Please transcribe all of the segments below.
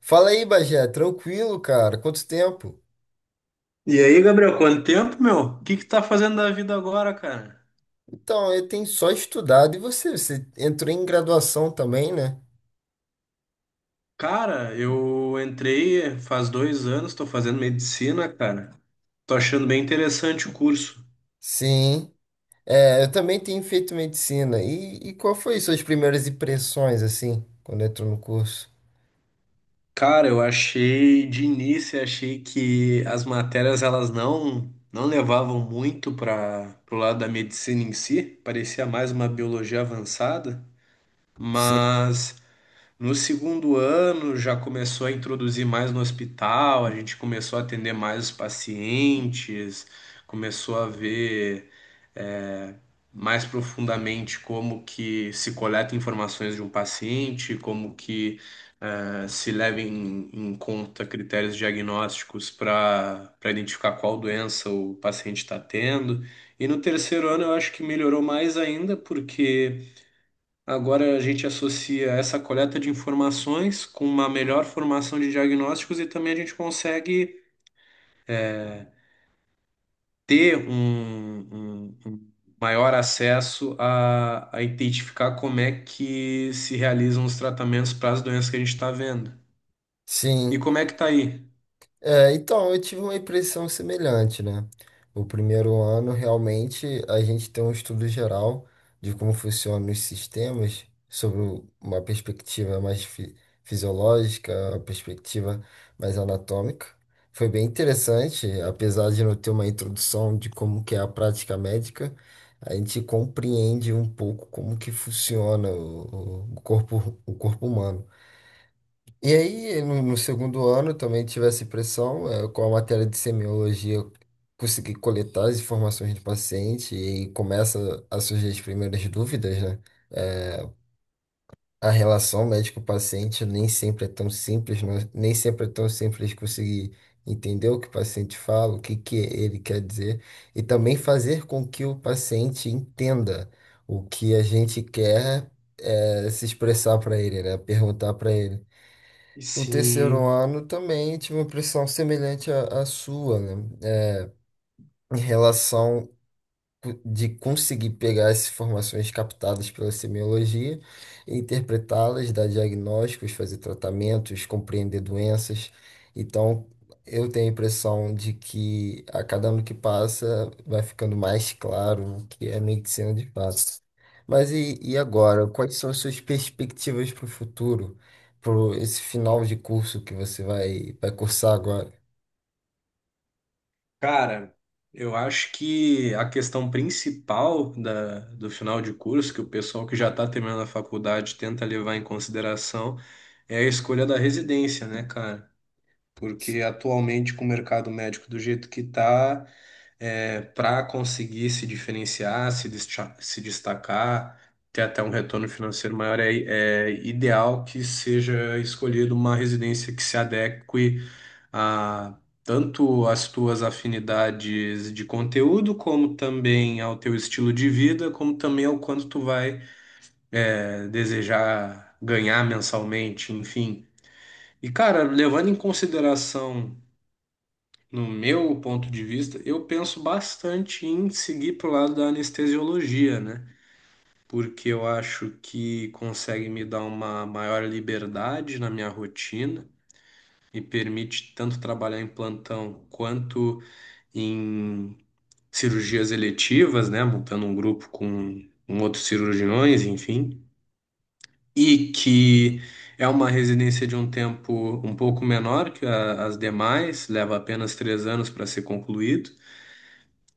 Fala aí, Bagé, tranquilo, cara? Quanto tempo? E aí, Gabriel, quanto tempo, meu? O que que tá fazendo da vida agora, cara? Então, eu tenho só estudado. E você? Você entrou em graduação também, né? Cara, eu entrei faz 2 anos, tô fazendo medicina, cara. Tô achando bem interessante o curso. Sim. É, eu também tenho feito medicina. E qual foi suas primeiras impressões, assim, quando entrou no curso? Cara, eu achei, de início, achei que as matérias, elas não levavam muito para pro lado da medicina em si. Parecia mais uma biologia avançada. Sim, Mas no segundo ano já começou a introduzir mais no hospital, a gente começou a atender mais os pacientes, começou a ver é, mais profundamente como que se coleta informações de um paciente, como que se leva em conta critérios diagnósticos para identificar qual doença o paciente está tendo. E no terceiro ano eu acho que melhorou mais ainda, porque agora a gente associa essa coleta de informações com uma melhor formação de diagnósticos e também a gente consegue ter um maior acesso a identificar como é que se realizam os tratamentos para as doenças que a gente está vendo. E sim. como é que tá aí? É, então, eu tive uma impressão semelhante, né? O primeiro ano, realmente, a gente tem um estudo geral de como funcionam os sistemas, sobre uma perspectiva fisiológica, uma perspectiva mais anatômica. Foi bem interessante, apesar de não ter uma introdução de como que é a prática médica, a gente compreende um pouco como que funciona o corpo, o corpo humano. E aí, no segundo ano, também tive essa impressão, com a matéria de semiologia, eu consegui coletar as informações do paciente e começa a surgir as primeiras dúvidas, né? Eh, A relação médico-paciente nem sempre é tão simples, nem sempre é tão simples conseguir entender o que o paciente fala, o que que ele quer dizer, e também fazer com que o paciente entenda o que a gente quer se expressar para ele, né? Perguntar para ele. O terceiro Sim. ano também tive uma impressão semelhante à sua, né? Em relação de conseguir pegar essas informações captadas pela semiologia, e interpretá-las, dar diagnósticos, fazer tratamentos, compreender doenças. Então, eu tenho a impressão de que a cada ano que passa vai ficando mais claro o que é medicina de fato. Mas e agora? Quais são as suas perspectivas para o futuro, para esse final de curso que você vai cursar agora? Cara, eu acho que a questão principal do final de curso, que o pessoal que já está terminando a faculdade tenta levar em consideração, é a escolha da residência, né, cara? Porque atualmente com o mercado médico do jeito que está, para conseguir se diferenciar, se destacar, ter até um retorno financeiro maior, é ideal que seja escolhida uma residência que se adeque a tanto às tuas afinidades de conteúdo, como também ao teu estilo de vida, como também ao quanto tu vai, desejar ganhar mensalmente, enfim. E, cara, levando em consideração no meu ponto de vista, eu penso bastante em seguir pro lado da anestesiologia, né? Porque eu acho que consegue me dar uma maior liberdade na minha rotina e permite tanto trabalhar em plantão quanto em cirurgias eletivas, né? Montando um grupo com outros cirurgiões, enfim. E que é uma residência de um tempo um pouco menor que as demais, leva apenas 3 anos para ser concluído.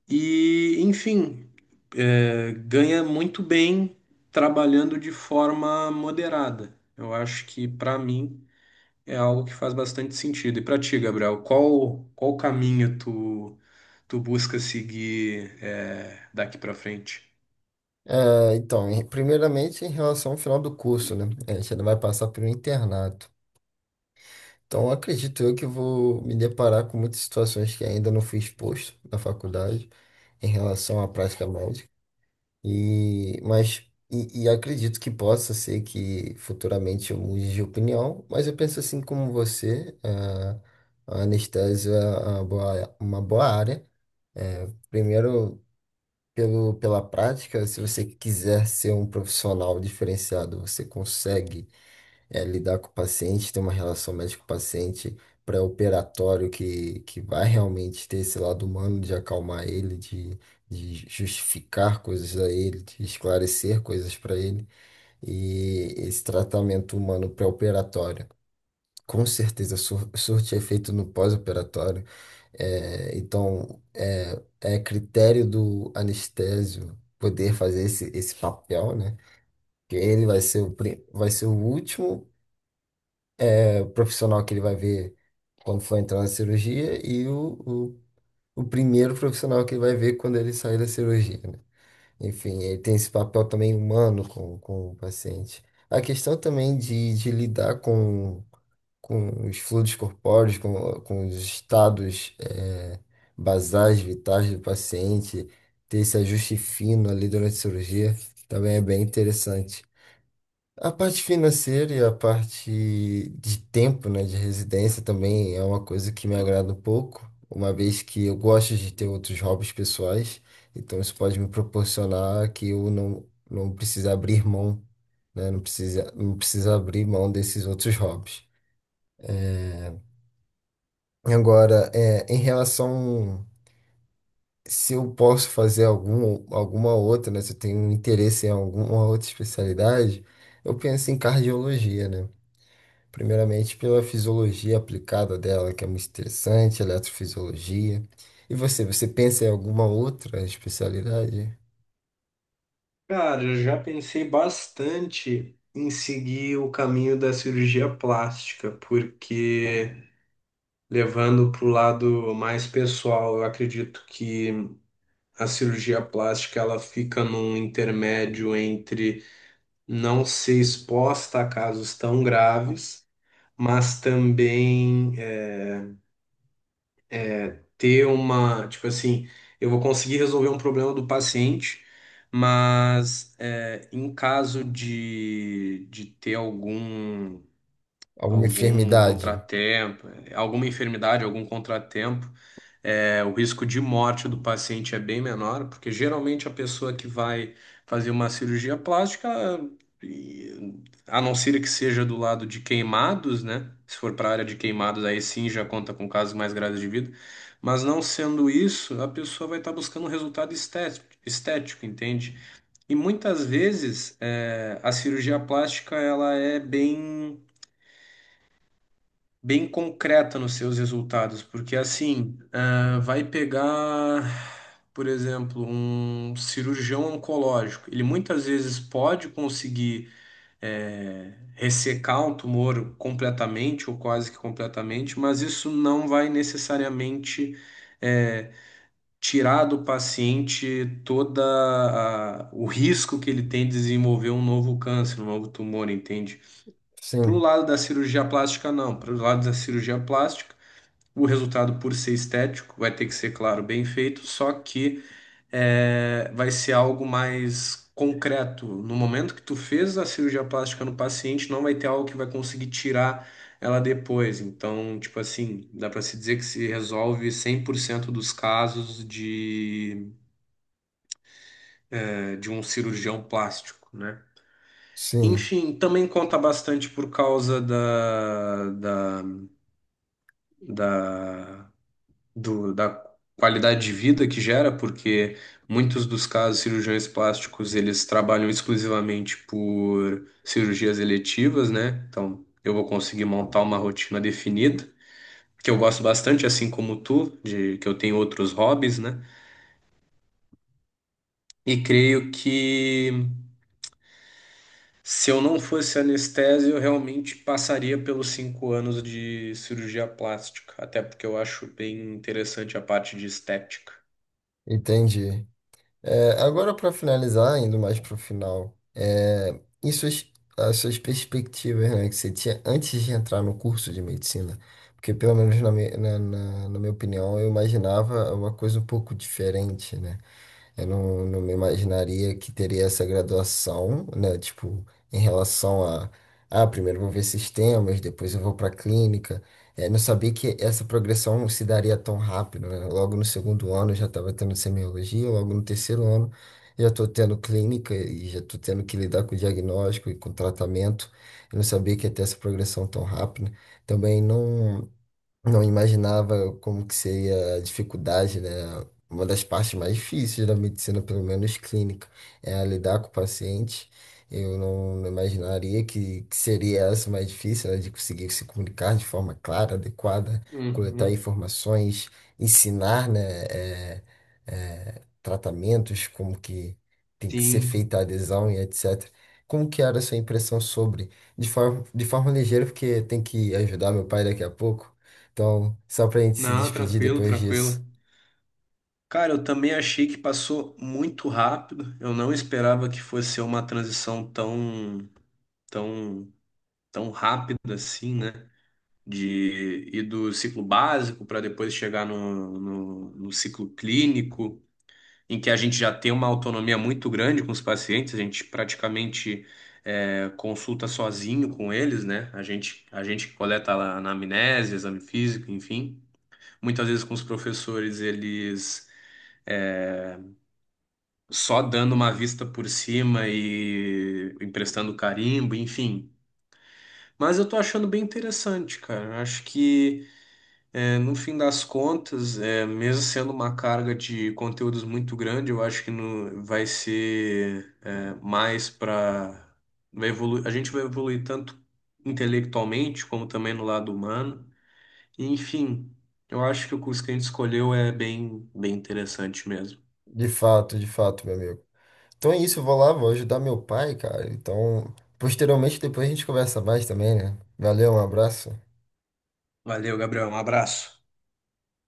E, enfim, ganha muito bem trabalhando de forma moderada. Eu acho que, para mim, é algo que faz bastante sentido. E para ti, Gabriel, qual caminho tu busca seguir, daqui para frente? É, então, primeiramente em relação ao final do curso, né? A gente ainda vai passar por um internato. Então, acredito eu que vou me deparar com muitas situações que ainda não fui exposto na faculdade em relação à prática médica. E, mas, e acredito que possa ser que futuramente eu mude de opinião, mas eu penso assim como você, a anestesia é uma boa área. É, primeiro, pela prática, se você quiser ser um profissional diferenciado, você consegue lidar com o paciente, ter uma relação médico-paciente pré-operatório que vai realmente ter esse lado humano de acalmar ele, de justificar coisas a ele, de esclarecer coisas para ele, e esse tratamento humano pré-operatório. Com certeza, surte efeito no pós-operatório. É, então, é, é critério do anestésio poder fazer esse papel, né? Que ele vai ser o, vai ser o último é, profissional que ele vai ver quando for entrar na cirurgia e o, o primeiro profissional que ele vai ver quando ele sair da cirurgia, né? Enfim, ele tem esse papel também humano com o paciente. A questão também de lidar com os fluidos corpóreos, com os estados basais, vitais do paciente, ter esse ajuste fino ali durante a cirurgia, também é bem interessante. A parte financeira e a parte de tempo, né, de residência também é uma coisa que me agrada um pouco, uma vez que eu gosto de ter outros hobbies pessoais, então isso pode me proporcionar que eu não precise abrir mão, né, não precisa abrir mão desses outros hobbies. Agora, é, em relação se eu posso fazer alguma outra, né? Se eu tenho um interesse em alguma outra especialidade, eu penso em cardiologia, né? Primeiramente pela fisiologia aplicada dela, que é muito interessante, eletrofisiologia. E você pensa em alguma outra especialidade? Cara, eu já pensei bastante em seguir o caminho da cirurgia plástica, porque levando para o lado mais pessoal, eu acredito que a cirurgia plástica ela fica num intermédio entre não ser exposta a casos tão graves, mas também ter uma, tipo assim, eu vou conseguir resolver um problema do paciente, mas em caso de ter algum Alguma algum enfermidade? contratempo, alguma enfermidade, algum contratempo, o risco de morte do paciente é bem menor, porque geralmente a pessoa que vai fazer uma cirurgia plástica, a não ser que seja do lado de queimados, né? Se for para a área de queimados, aí sim já conta com casos mais graves de vida. Mas não sendo isso, a pessoa vai estar buscando um resultado estético, estético, entende? E muitas vezes a cirurgia plástica ela é bem bem concreta nos seus resultados, porque assim, ah, vai pegar, por exemplo, um cirurgião oncológico, ele muitas vezes pode conseguir ressecar um tumor completamente ou quase que completamente, mas isso não vai necessariamente eh, tirar do paciente o risco que ele tem de desenvolver um novo câncer, um novo tumor, entende? Para o Sim, lado da cirurgia plástica, não. Para o lado da cirurgia plástica o resultado, por ser estético, vai ter que ser, claro, bem feito, só que vai ser algo mais concreto. No momento que tu fez a cirurgia plástica no paciente, não vai ter algo que vai conseguir tirar ela depois. Então, tipo assim, dá para se dizer que se resolve 100% dos casos de um cirurgião plástico, né? sim, Enfim, também conta bastante por causa da da qualidade de vida que gera, porque muitos dos casos, cirurgiões plásticos, eles trabalham exclusivamente por cirurgias eletivas, né? Então, eu vou conseguir montar uma rotina definida, que eu gosto bastante, assim como tu, de que eu tenho outros hobbies, né? E creio que se eu não fosse anestésio, eu realmente passaria pelos 5 anos de cirurgia plástica, até porque eu acho bem interessante a parte de estética. entendi. É, agora, para finalizar, indo mais para o final, é, e as suas perspectivas, né, que você tinha antes de entrar no curso de medicina? Porque, pelo menos na minha opinião, eu imaginava uma coisa um pouco diferente, né? Eu não me imaginaria que teria essa graduação, né? Tipo, em relação a, ah, primeiro eu vou ver sistemas, depois eu vou para clínica. É, não sabia que essa progressão se daria tão rápido, né? Logo no segundo ano eu já estava tendo semiologia, logo no terceiro ano já estou tendo clínica e já estou tendo que lidar com diagnóstico e com tratamento. Eu não sabia que ia ter essa progressão tão rápida. Também não. Não imaginava como que seria a dificuldade, né? Uma das partes mais difíceis da medicina, pelo menos clínica, é a lidar com o paciente. Eu não imaginaria que seria essa mais difícil, né? De conseguir se comunicar de forma clara, adequada, coletar Uhum, informações, ensinar, né? é, tratamentos, como que tem que ser sim. feita a adesão e etc. Como que era a sua impressão sobre, de forma ligeira, porque tem que ajudar meu pai daqui a pouco. Então, só pra gente se Não, despedir tranquilo, depois disso. tranquilo. Cara, eu também achei que passou muito rápido. Eu não esperava que fosse ser uma transição tão, tão, tão rápida assim, né? De ir do ciclo básico para depois chegar no ciclo clínico, em que a gente já tem uma autonomia muito grande com os pacientes, a gente praticamente consulta sozinho com eles, né? A gente coleta lá anamnese, exame físico, enfim. Muitas vezes com os professores, eles só dando uma vista por cima e emprestando carimbo, enfim. Mas eu tô achando bem interessante, cara. Acho que, no fim das contas, mesmo sendo uma carga de conteúdos muito grande, eu acho que no, vai ser, é, mais para vai evolu- a gente vai evoluir tanto intelectualmente como também no lado humano. Enfim, eu acho que o curso que a gente escolheu é bem, bem interessante mesmo. De fato, meu amigo. Então é isso, eu vou lá, vou ajudar meu pai, cara. Então, posteriormente, depois a gente conversa mais também, né? Valeu, um abraço. Valeu, Gabriel. Um abraço.